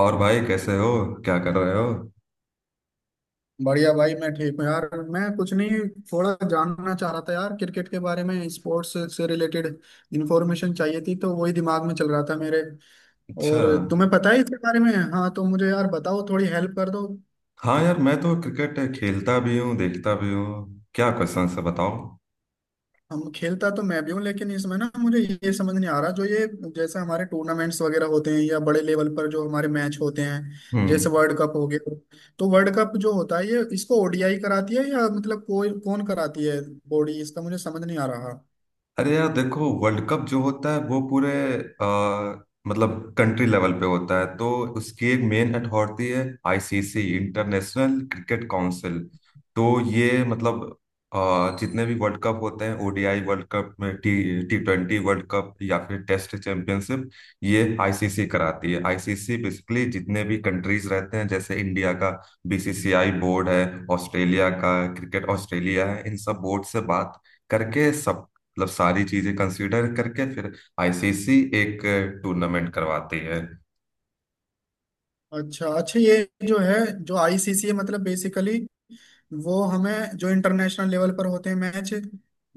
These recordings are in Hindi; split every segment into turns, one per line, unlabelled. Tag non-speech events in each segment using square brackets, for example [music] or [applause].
और भाई कैसे हो? क्या कर रहे हो?
बढ़िया भाई मैं ठीक हूँ यार। मैं कुछ नहीं, थोड़ा जानना चाह रहा था यार क्रिकेट के बारे में। स्पोर्ट्स से रिलेटेड इंफॉर्मेशन चाहिए थी, तो वही दिमाग में चल रहा था मेरे।
अच्छा।
और तुम्हें पता है इसके बारे में। हाँ, तो मुझे यार बताओ, थोड़ी हेल्प कर दो।
हाँ यार, मैं तो क्रिकेट खेलता भी हूँ, देखता भी हूँ। क्या क्वेश्चन है, बताओ।
हम, खेलता तो मैं भी हूँ लेकिन इसमें ना मुझे ये समझ नहीं आ रहा जो ये जैसे हमारे टूर्नामेंट्स वगैरह होते हैं या बड़े लेवल पर जो हमारे मैच होते हैं। जैसे
हम्म।
वर्ल्ड कप हो गया। तो वर्ल्ड कप जो होता है ये इसको ओडीआई कराती है या मतलब कोई कौन कराती है बॉडी, इसका मुझे समझ नहीं आ रहा।
अरे यार, देखो वर्ल्ड कप जो होता है वो पूरे मतलब कंट्री लेवल पे होता है। तो उसकी एक मेन अथॉरिटी है, आईसीसी, इंटरनेशनल क्रिकेट काउंसिल। तो ये मतलब जितने भी वर्ल्ड कप होते हैं, ओडीआई वर्ल्ड कप में T T twenty world cup या फिर टेस्ट चैंपियनशिप, ये आईसीसी कराती है। आईसीसी बेसिकली जितने भी कंट्रीज रहते हैं, जैसे इंडिया का बीसीसीआई बोर्ड है, ऑस्ट्रेलिया का क्रिकेट ऑस्ट्रेलिया है, इन सब बोर्ड से बात करके मतलब सारी चीजें कंसीडर करके फिर आईसीसी एक टूर्नामेंट करवाती है।
अच्छा अच्छा, ये जो है, जो आईसीसी मतलब बेसिकली वो हमें जो इंटरनेशनल लेवल पर होते हैं मैच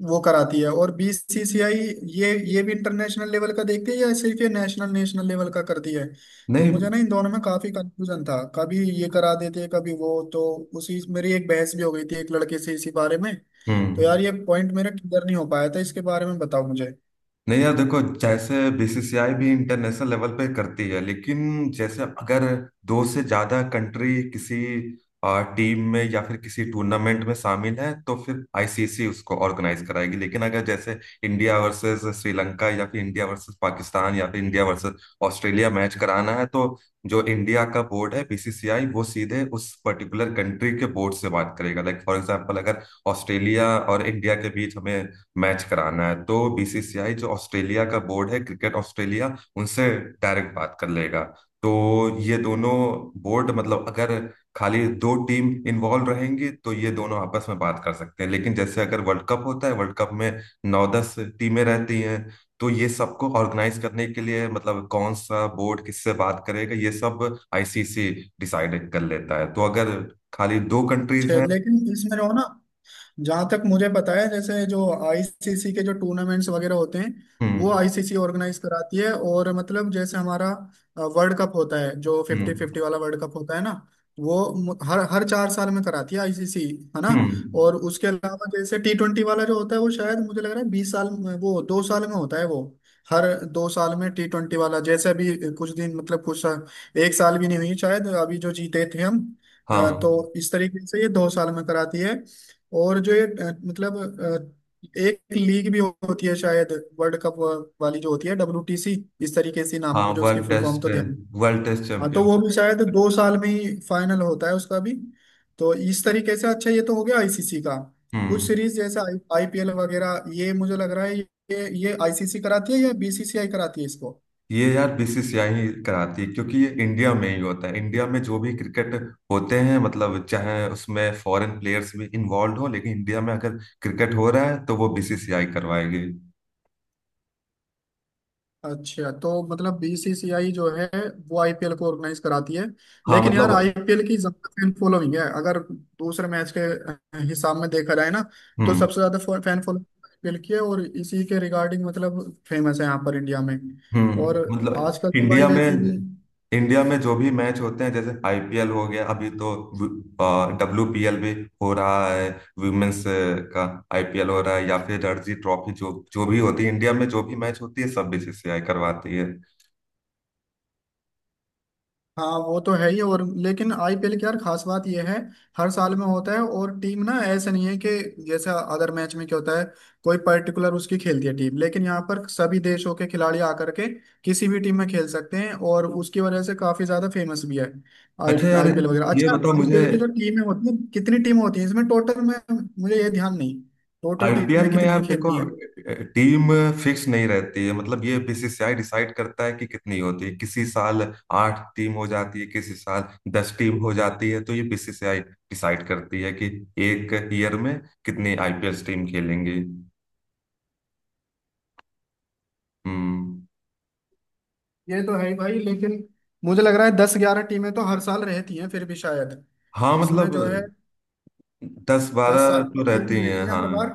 वो कराती है, और बीसीसीआई ये भी इंटरनेशनल लेवल का देखती है या सिर्फ ये नेशनल नेशनल लेवल का करती है। तो
नहीं।
मुझे ना इन दोनों में काफी कंफ्यूजन था, कभी ये करा देते हैं कभी वो, तो उसी मेरी एक बहस भी हो गई थी एक लड़के से इसी बारे में। तो
हम्म।
यार ये पॉइंट मेरा क्लियर नहीं हो पाया था, इसके बारे में बताओ मुझे।
नहीं यार देखो, जैसे बीसीसीआई भी इंटरनेशनल लेवल पे करती है, लेकिन जैसे अगर दो से ज्यादा कंट्री किसी टीम में या फिर किसी टूर्नामेंट में शामिल है तो फिर आईसीसी उसको ऑर्गेनाइज कराएगी। लेकिन अगर जैसे इंडिया वर्सेस श्रीलंका या फिर इंडिया वर्सेस पाकिस्तान या फिर इंडिया वर्सेस ऑस्ट्रेलिया मैच कराना है, तो जो इंडिया का बोर्ड है बीसीसीआई, वो सीधे उस पर्टिकुलर कंट्री के बोर्ड से बात करेगा। लाइक फॉर एग्जाम्पल, अगर ऑस्ट्रेलिया और इंडिया के बीच हमें मैच कराना है तो बीसीसीआई जो ऑस्ट्रेलिया का बोर्ड है क्रिकेट ऑस्ट्रेलिया, उनसे डायरेक्ट बात कर लेगा। तो ये दोनों बोर्ड मतलब अगर खाली दो टीम इन्वॉल्व रहेंगी तो ये दोनों आपस में बात कर सकते हैं। लेकिन जैसे अगर वर्ल्ड कप होता है, वर्ल्ड कप में नौ दस टीमें रहती हैं, तो ये सबको ऑर्गेनाइज करने के लिए मतलब कौन सा बोर्ड किससे बात करेगा ये सब आईसीसी डिसाइड कर लेता है। तो अगर खाली दो कंट्रीज हैं।
लेकिन इसमें रहो ना, जहां तक मुझे पता है जैसे जो आईसीसी के जो टूर्नामेंट्स वगैरह होते हैं वो
हम्म।
आईसीसी ऑर्गेनाइज कराती है। और मतलब जैसे हमारा वर्ल्ड कप होता है जो फिफ्टी
हम्म।
फिफ्टी वाला वर्ल्ड कप होता है ना, वो हर हर 4 साल में कराती है आईसीसी, है ना।
हम्म।
और उसके अलावा जैसे T20 वाला जो होता है वो शायद मुझे लग रहा है वो 2 साल में होता है। वो हर 2 साल में T20 वाला, जैसे अभी कुछ दिन मतलब कुछ, एक साल भी नहीं हुई शायद अभी जो जीते थे हम। अ,
हाँ,
तो इस तरीके से ये 2 साल में कराती है। और जो ये मतलब एक लीग भी होती है शायद वर्ल्ड कप वाली जो होती है, डब्ल्यूटीसी इस तरीके से नाम है,
हाँ।
मुझे उसकी फुल फॉर्म तो ध्यान।
वर्ल्ड टेस्ट
हाँ, तो वो
चैंपियनशिप।
भी शायद 2 साल में ही फाइनल होता है उसका भी। तो इस तरीके से अच्छा, ये तो हो गया आईसीसी का। कुछ
हम्म।
सीरीज जैसा आईपीएल वगैरह, ये मुझे लग रहा है ये आईसीसी कराती है या बीसीसीआई कराती है इसको।
ये यार बीसीसीआई ही कराती है, क्योंकि ये इंडिया में ही होता है। इंडिया में जो भी क्रिकेट होते हैं, मतलब चाहे उसमें फॉरेन प्लेयर्स भी इन्वॉल्व हो लेकिन इंडिया में अगर क्रिकेट हो रहा है तो वो बीसीसीआई करवाएगी।
अच्छा, तो मतलब बीसीसीआई जो है वो आईपीएल को ऑर्गेनाइज कराती है।
हाँ
लेकिन यार
मतलब।
आईपीएल की ज्यादा फैन फॉलोइंग है अगर दूसरे मैच के हिसाब में देखा जाए ना। तो
हम्म।
सबसे ज्यादा फैन फॉलोइंग आईपीएल की है, और इसी के रिगार्डिंग मतलब फेमस है यहाँ पर इंडिया में।
हम्म।
और
मतलब
आजकल तो भाई
इंडिया में
वैसे भी,
इंडिया में जो भी मैच होते हैं जैसे आईपीएल हो गया, अभी तो डब्ल्यूपीएल भी हो रहा है, वुमेन्स का आईपीएल हो रहा है, या फिर रणजी ट्रॉफी, जो जो भी होती है इंडिया में, जो भी मैच होती है सब बीसीसीआई करवाती है।
हाँ वो तो है ही। और लेकिन आईपीएल की यार खास बात यह है हर साल में होता है। और टीम ना ऐसे नहीं है कि जैसे अदर मैच में क्या होता है कोई पर्टिकुलर उसकी खेलती है टीम, लेकिन यहाँ पर सभी देशों के खिलाड़ी आकर के किसी भी टीम में खेल सकते हैं और उसकी वजह से काफी ज्यादा फेमस भी है आई
अच्छा यार,
आईपीएल वगैरह।
ये
अच्छा,
बताओ मुझे।
आईपीएल की जो टीमें होती हैं कितनी टीम होती हैं इसमें टोटल में, मुझे ये ध्यान नहीं टोटल
आईपीएल
टीमें
में यार
कितनी
देखो,
खेलती हैं।
टीम फिक्स नहीं रहती है, मतलब ये बीसीसीआई डिसाइड करता है कि कितनी होती है। किसी साल आठ टीम हो जाती है, किसी साल दस टीम हो जाती है। तो ये बीसीसीआई डिसाइड करती है कि एक ईयर में कितनी आईपीएल टीम खेलेंगी। हम्म।
ये तो है ही भाई, लेकिन मुझे लग रहा है 10-11 टीमें तो हर साल रहती हैं फिर भी शायद।
हाँ
इसमें
मतलब
जो है
दस
दस
बारह
साल
तो
में टीम
रहती हैं,
जीती है
हाँ।
हर बार।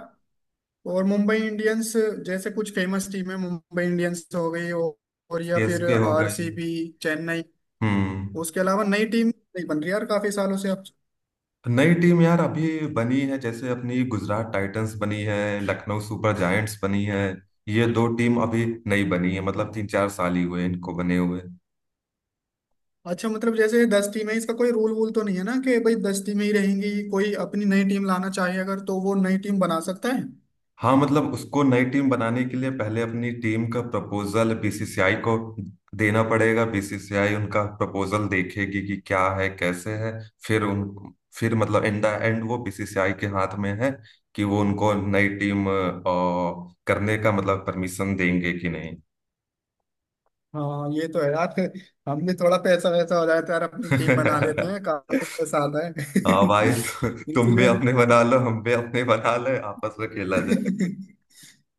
और मुंबई इंडियंस जैसे कुछ फेमस टीम है, मुंबई इंडियंस हो गई और या फिर
सीएसके हो गई।
आरसीबी, चेन्नई।
हम्म।
उसके अलावा नई टीम नहीं बन रही यार काफी सालों से अब।
नई टीम यार अभी बनी है, जैसे अपनी गुजरात टाइटंस बनी है, लखनऊ सुपर जायंट्स बनी है। ये दो टीम अभी नई बनी है, मतलब 3-4 साल ही हुए इनको बने हुए।
अच्छा मतलब जैसे 10 टीम है, इसका कोई रूल वूल तो नहीं है ना कि भाई 10 टीमें ही रहेंगी, कोई अपनी नई टीम लाना चाहे अगर तो वो नई टीम बना सकता है।
हाँ मतलब उसको नई टीम बनाने के लिए पहले अपनी टीम का प्रपोजल बीसीसीआई को देना पड़ेगा, बीसीसीआई उनका प्रपोजल देखेगी कि क्या है कैसे है। फिर उन फिर मतलब एंड एंड वो बीसीसीआई के हाथ में है कि वो उनको नई टीम करने का मतलब परमिशन देंगे कि नहीं।
हाँ ये तो है यार, हम भी थोड़ा पैसा वैसा हो जाता है यार अपनी टीम बना लेते हैं, काफी
[laughs]
पैसा आता है।
हाँ भाई। [laughs]
[laughs]
तुम भी
इसलिए हम-
अपने बना लो, हम भी अपने बना ले, आपस में खेला जाएगा।
[laughs]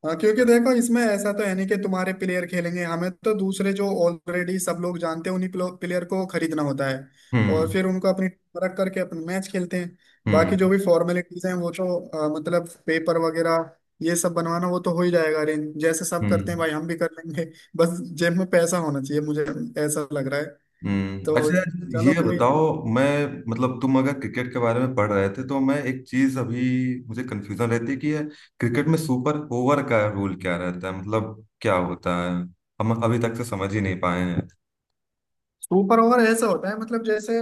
हाँ क्योंकि देखो इसमें ऐसा तो है नहीं कि तुम्हारे प्लेयर खेलेंगे, हमें तो दूसरे जो ऑलरेडी सब लोग जानते हैं उन्हीं प्लेयर को खरीदना होता है और
हम्म।
फिर उनको अपनी टीम रख करके अपने मैच खेलते हैं। बाकी जो
हम्म।
भी फॉर्मेलिटीज हैं वो तो मतलब पेपर वगैरह ये सब बनवाना, वो तो हो ही जाएगा अरेंज, जैसे सब करते हैं
हम्म।
भाई हम भी कर लेंगे। [laughs] बस जेब में पैसा होना चाहिए, मुझे ऐसा लग रहा है।
हम्म।
तो
अच्छा
चलो
ये
कोई।
बताओ, मैं मतलब तुम अगर क्रिकेट के बारे में पढ़ रहे थे तो मैं एक चीज अभी, मुझे कंफ्यूजन रहती है कि ये क्रिकेट में सुपर ओवर का रूल क्या रहता है, मतलब क्या होता है, हम अभी तक तो समझ ही नहीं पाए हैं।
सुपर ओवर ऐसा होता है मतलब जैसे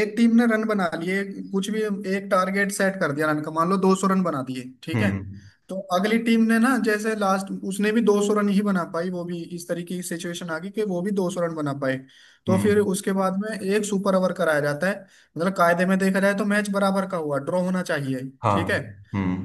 एक टीम ने रन बना लिए कुछ भी, एक टारगेट सेट कर दिया रन का, मान लो 200 रन बना दिए, ठीक है।
हम्म।
तो अगली टीम ने ना जैसे लास्ट उसने भी 200 रन ही बना पाई, वो भी इस तरीके की सिचुएशन आ गई कि वो भी 200 रन बना पाए। तो फिर
हम्म।
उसके बाद में एक सुपर ओवर कराया जाता है। मतलब कायदे में देखा जाए तो मैच बराबर का हुआ, ड्रॉ होना चाहिए,
हाँ।
ठीक है।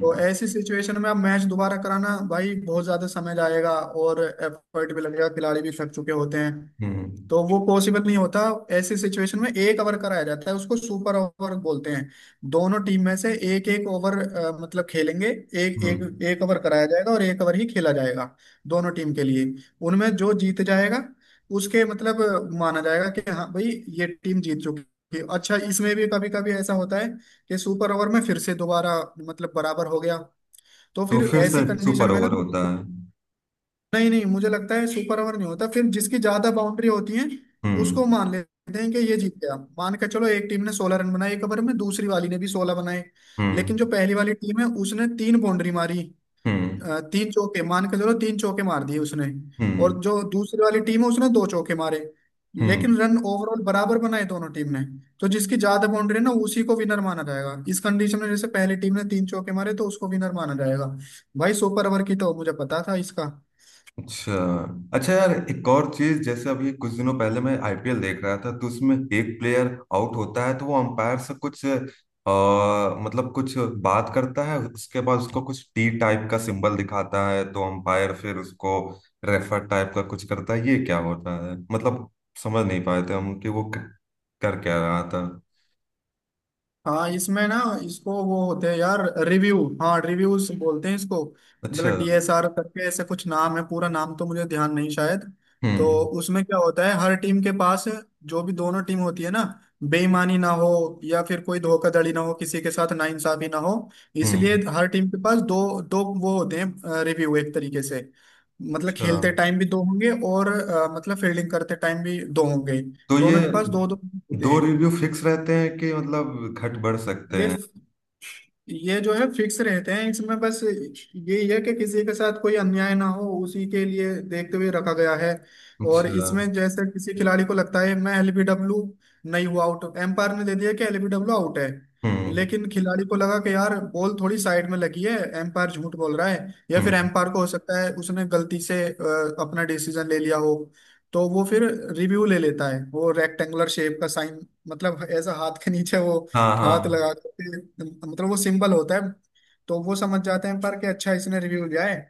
तो ऐसी सिचुएशन में अब मैच दोबारा कराना भाई बहुत ज्यादा समय जाएगा और एफर्ट भी लगेगा, खिलाड़ी भी थक चुके होते हैं,
हम्म।
तो वो पॉसिबल नहीं होता। ऐसी सिचुएशन में एक ओवर कराया जाता है, उसको सुपर ओवर बोलते हैं। दोनों टीम में से एक एक ओवर मतलब खेलेंगे, एक
हम्म।
एक एक ओवर कराया जाएगा और एक ओवर ही खेला जाएगा दोनों टीम के लिए। उनमें जो जीत जाएगा उसके मतलब माना जाएगा कि हाँ भाई ये टीम जीत चुकी है। अच्छा इसमें भी कभी कभी ऐसा होता है कि सुपर ओवर में फिर से दोबारा मतलब बराबर हो गया, तो
तो
फिर
फिर से
ऐसी कंडीशन
सुपर
में ना,
ओवर होता है?
नहीं नहीं, मुझे लगता है सुपर ओवर नहीं होता फिर, जिसकी ज्यादा बाउंड्री होती है उसको
हम्म।
मान लेते हैं कि ये जीत गया। मान के चलो एक टीम ने 16 रन बनाए एक ओवर में, दूसरी वाली ने भी 16 बनाए, लेकिन
हम्म।
जो पहली वाली टीम है उसने 3 बाउंड्री मारी,
हम्म।
3 चौके मान के चलो 3 चौके मार दिए उसने। और
हम्म।
जो दूसरी वाली टीम है उसने 2 चौके मारे,
हम्म।
लेकिन रन ओवरऑल बराबर बनाए दोनों टीम ने। तो जिसकी ज्यादा बाउंड्री है ना उसी को विनर माना जाएगा इस कंडीशन में, जैसे पहली टीम ने 3 चौके मारे तो उसको विनर माना जाएगा। भाई सुपर ओवर की तो मुझे पता था इसका।
अच्छा। अच्छा यार, एक और चीज, जैसे अभी कुछ दिनों पहले मैं आईपीएल देख रहा था तो उसमें एक प्लेयर आउट होता है तो वो अंपायर से कुछ मतलब कुछ बात करता है, उसके बाद उसको कुछ टी टाइप का सिंबल दिखाता है, तो अंपायर फिर उसको रेफर टाइप का कुछ करता है। ये क्या होता है, मतलब समझ नहीं पाए थे हम कि वो कर क्या रहा था।
हाँ, इसमें ना इसको वो होते हैं यार, रिव्यू, हाँ, रिव्यूज बोलते हैं इसको।
अच्छा।
मतलब डीएसआर करके ऐसे कुछ नाम है, पूरा नाम तो मुझे ध्यान नहीं शायद। तो
हम्म।
उसमें क्या होता है, हर टीम के पास, जो भी दोनों टीम होती है ना, बेईमानी ना हो या फिर कोई धोखाधड़ी ना हो किसी के साथ, नाइंसाफी ना हो, इसलिए
हम्म।
हर टीम के पास दो दो वो होते हैं रिव्यू एक तरीके से। मतलब
अच्छा,
खेलते टाइम भी दो होंगे और मतलब फील्डिंग करते टाइम भी दो होंगे,
तो ये
दोनों के पास दो दो होते
दो
हैं।
रिव्यू फिक्स रहते हैं कि मतलब घट बढ़ सकते
ये
हैं?
ये जो है फिक्स रहते हैं, इसमें बस यही है कि किसी के साथ कोई अन्याय ना हो, उसी के लिए देखते हुए रखा गया है। और
अच्छा।
इसमें जैसे किसी खिलाड़ी को लगता है मैं एलबीडब्ल्यू नहीं हुआ आउट, एम्पायर ने दे दिया कि एलबीडब्ल्यू आउट है,
हम्म।
लेकिन खिलाड़ी को लगा कि यार बॉल थोड़ी साइड में लगी है एम्पायर झूठ बोल रहा है, या फिर
हम्म।
एम्पायर को हो सकता है उसने गलती से अपना डिसीजन ले लिया हो। तो वो फिर रिव्यू ले लेता है, वो रेक्टेंगुलर शेप का साइन मतलब ऐसा हाथ के नीचे वो
हाँ,
हाथ
हाँ।
लगा करके, मतलब वो सिंबल होता है। तो वो समझ जाते हैं पर कि अच्छा इसने रिव्यू दिया है,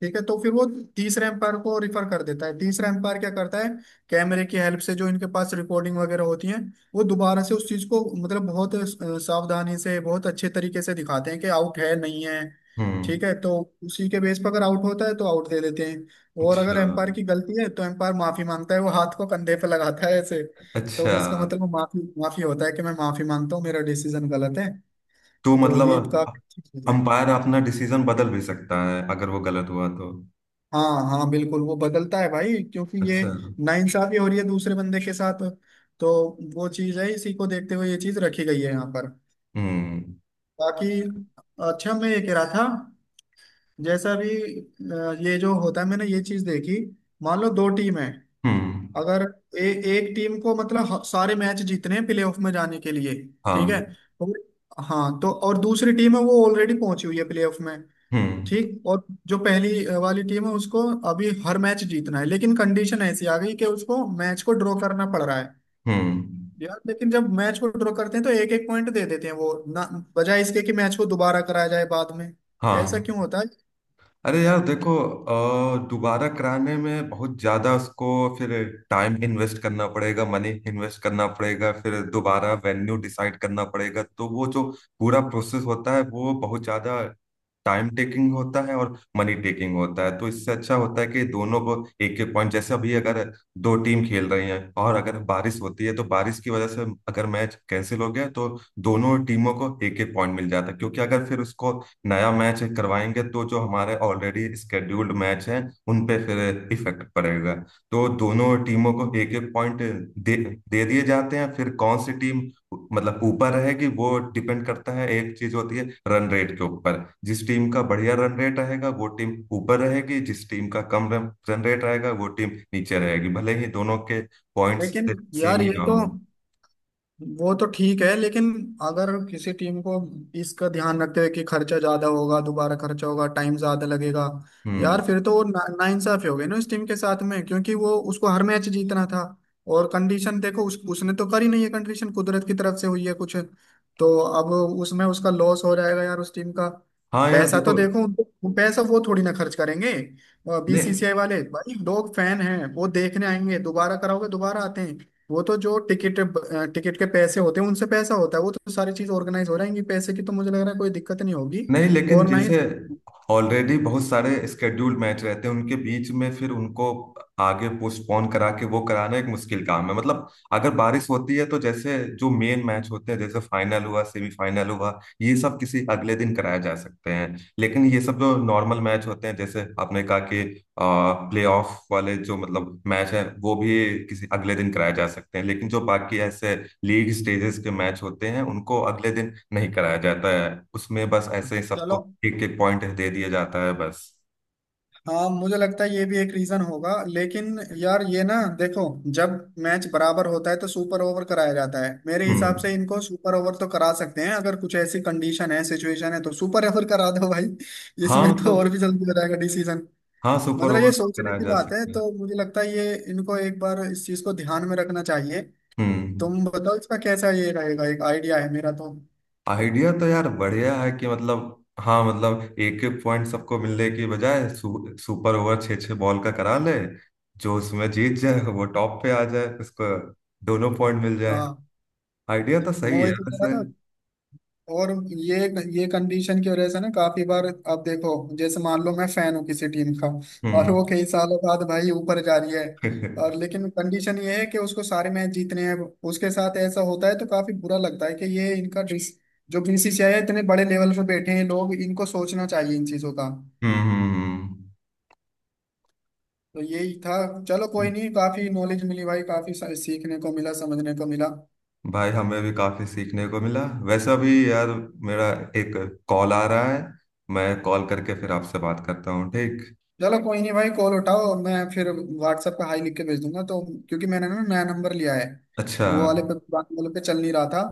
ठीक है। तो फिर वो तीस एम्पायर को रिफर कर देता है। तीसरा एम्पायर क्या करता है, कैमरे की हेल्प से जो इनके पास रिकॉर्डिंग वगैरह होती है वो दोबारा से उस चीज को मतलब बहुत सावधानी से बहुत अच्छे तरीके से दिखाते हैं कि आउट है नहीं है, ठीक
हम्म।
है। तो उसी के बेस पर अगर आउट होता है तो आउट दे देते हैं, और
अच्छा।
अगर एम्पायर की गलती है तो एम्पायर माफी मांगता है, वो हाथ को कंधे पे लगाता है ऐसे। तो
अच्छा
उसका मतलब वो माफी माफी होता है कि मैं माफी मांगता हूँ मेरा डिसीजन गलत है।
तो
तो
मतलब
ये काफी अच्छी चीज है।
अंपायर अपना डिसीजन बदल भी सकता है अगर वो गलत हुआ तो।
हाँ हाँ बिल्कुल, वो बदलता है भाई क्योंकि ये
अच्छा।
नाइंसाफी हो रही है दूसरे बंदे के साथ, तो वो चीज है, इसी को देखते हुए ये चीज रखी गई है यहाँ पर।
हम्म।
बाकी अच्छा, मैं ये कह रहा था जैसा भी ये जो होता है मैंने ये चीज देखी। मान लो दो टीम है,
हम्म।
अगर एक टीम को मतलब सारे मैच जीतने हैं प्लेऑफ में जाने के लिए, ठीक
हाँ।
है। और, हाँ, तो और दूसरी टीम है वो ऑलरेडी पहुंची हुई है प्लेऑफ में,
हम्म।
ठीक। और जो पहली वाली टीम है उसको अभी हर मैच जीतना है, लेकिन कंडीशन ऐसी आ गई कि उसको मैच को ड्रॉ करना पड़ रहा है।
हम्म।
यार लेकिन जब मैच को ड्रॉ करते हैं तो एक एक पॉइंट दे देते हैं वो ना, बजाय इसके कि मैच को दोबारा कराया जाए बाद में।
हाँ।
ऐसा क्यों होता है।
अरे यार देखो, दोबारा कराने में बहुत ज्यादा उसको फिर टाइम इन्वेस्ट करना पड़ेगा, मनी इन्वेस्ट करना पड़ेगा, फिर दोबारा वेन्यू डिसाइड करना पड़ेगा, तो वो जो पूरा प्रोसेस होता है वो बहुत ज्यादा टाइम टेकिंग होता है और मनी टेकिंग होता है। तो इससे अच्छा होता है कि दोनों को एक एक पॉइंट, जैसे अभी अगर दो टीम खेल रही हैं और अगर बारिश होती है तो बारिश की वजह से अगर मैच कैंसिल हो गया तो दोनों टीमों को एक एक पॉइंट मिल जाता है, क्योंकि अगर फिर उसको नया मैच करवाएंगे तो जो हमारे ऑलरेडी स्केड्यूल्ड मैच हैं उन पे फिर इफेक्ट पड़ेगा। तो दोनों टीमों को एक एक पॉइंट दे दे दिए जाते हैं। फिर कौन सी टीम मतलब ऊपर रहेगी वो डिपेंड करता है, एक चीज होती है रन रेट के ऊपर, जिस टीम का बढ़िया रन रेट रहेगा वो टीम ऊपर रहेगी, जिस टीम का कम रन रेट रहेगा वो टीम नीचे रहेगी, भले ही दोनों के पॉइंट्स
लेकिन
से सेम
यार
ही
ये
ना
तो,
हो।
वो तो ठीक है, लेकिन अगर किसी टीम को इसका ध्यान रखते हुए कि खर्चा ज्यादा होगा दोबारा खर्चा होगा टाइम ज्यादा लगेगा,
हम्म।
यार फिर तो वो नाइंसाफी हो गई ना इस टीम के साथ में, क्योंकि वो उसको हर मैच जीतना था। और कंडीशन देखो उसने तो करी नहीं है, कंडीशन कुदरत की तरफ से हुई है कुछ, तो अब उसमें उसका लॉस हो जाएगा यार उस टीम का।
हाँ यार
पैसा तो
देखो।
देखो उनको, पैसा वो थोड़ी ना खर्च करेंगे
नहीं,
बीसीसीआई वाले, भाई लोग फैन हैं वो देखने आएंगे, दोबारा कराओगे दोबारा आते हैं। वो तो जो टिकट टिकट के पैसे होते हैं उनसे पैसा होता है, वो तो सारी चीज ऑर्गेनाइज हो रहेंगी, पैसे की तो मुझे लग रहा है कोई दिक्कत नहीं होगी।
नहीं, लेकिन
और ना ही,
जैसे ऑलरेडी बहुत सारे स्केड्यूल मैच रहते हैं उनके बीच में, फिर उनको आगे पोस्टपोन करा के वो कराना एक मुश्किल काम है। मतलब अगर बारिश होती है तो जैसे जो मेन मैच होते हैं जैसे फाइनल हुआ, सेमीफाइनल हुआ, ये सब किसी अगले दिन कराए जा सकते हैं, लेकिन ये सब जो नॉर्मल मैच होते हैं, जैसे आपने कहा कि प्ले ऑफ वाले जो मतलब मैच है वो भी किसी अगले दिन कराए जा सकते हैं, लेकिन जो बाकी ऐसे लीग स्टेजेस के मैच होते हैं उनको अगले दिन नहीं कराया जाता है। उसमें बस ऐसे ही
चलो।
सबको एक एक पॉइंट दे दिया जाता है बस।
हाँ मुझे लगता है ये भी एक रीजन होगा, लेकिन यार ये ना देखो, जब मैच बराबर होता है तो सुपर ओवर कराया जाता है, मेरे हिसाब
हम्म।
से इनको सुपर ओवर तो करा सकते हैं, अगर कुछ ऐसी कंडीशन है सिचुएशन है तो सुपर ओवर करा दो भाई। [laughs]
हाँ
इसमें तो
मतलब
और भी जल्दी हो जाएगा डिसीजन।
हाँ, सुपर
मतलब
ओवर
ये
तो
सोचने
कराया
की
जा
बात है,
सकता है।
तो मुझे लगता है ये इनको एक बार इस चीज को ध्यान में रखना चाहिए।
हम्म।
तुम बताओ इसका कैसा ये रहेगा, एक आइडिया है मेरा तो।
आइडिया तो यार बढ़िया है कि मतलब, हाँ मतलब एक एक पॉइंट सबको मिलने की बजाय सुपर ओवर छः छः बॉल का करा ले, जो उसमें जीत जाए वो टॉप पे आ जाए, उसको दोनों पॉइंट मिल जाए।
हाँ,
आइडिया तो
मैं
सही
वही
है
तो कह
वैसे।
रहा था। और ये कंडीशन की वजह से ना काफी बार, अब देखो जैसे मान लो मैं फैन हूँ किसी टीम का और वो
हम्म।
कई सालों बाद भाई ऊपर जा रही है। और
[laughs]
लेकिन कंडीशन ये है कि उसको सारे मैच जीतने हैं, उसके साथ ऐसा होता है तो काफी बुरा लगता है कि ये इनका जो बीसीसीआई है इतने बड़े लेवल पे बैठे हैं लोग, इनको सोचना चाहिए इन चीजों का।
हम्म। हम्म।
तो यही था। चलो कोई
हम्म।
नहीं, काफी नॉलेज मिली भाई, काफी सीखने को मिला समझने को मिला।
भाई हमें भी काफी सीखने को मिला। वैसा भी यार मेरा एक कॉल आ रहा है, मैं कॉल करके फिर आपसे बात करता हूँ, ठीक?
चलो कोई नहीं भाई, कॉल उठाओ, मैं फिर व्हाट्सएप पे हाई लिख के भेज दूंगा तो, क्योंकि मैंने ना नया नंबर लिया है,
अच्छा।
वो वाले
हम्म।
पे पुराने वाले पे चल नहीं रहा था।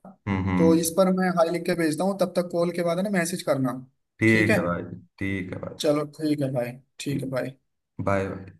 तो इस
हम्म।
पर मैं हाई लिख के भेजता हूँ, तब तक कॉल के बाद है ना मैसेज करना। ठीक
ठीक
है।
है भाई। ठीक है भाई।
चलो ठीक है भाई। ठीक है
ठीक।
भाई।
Bye bye.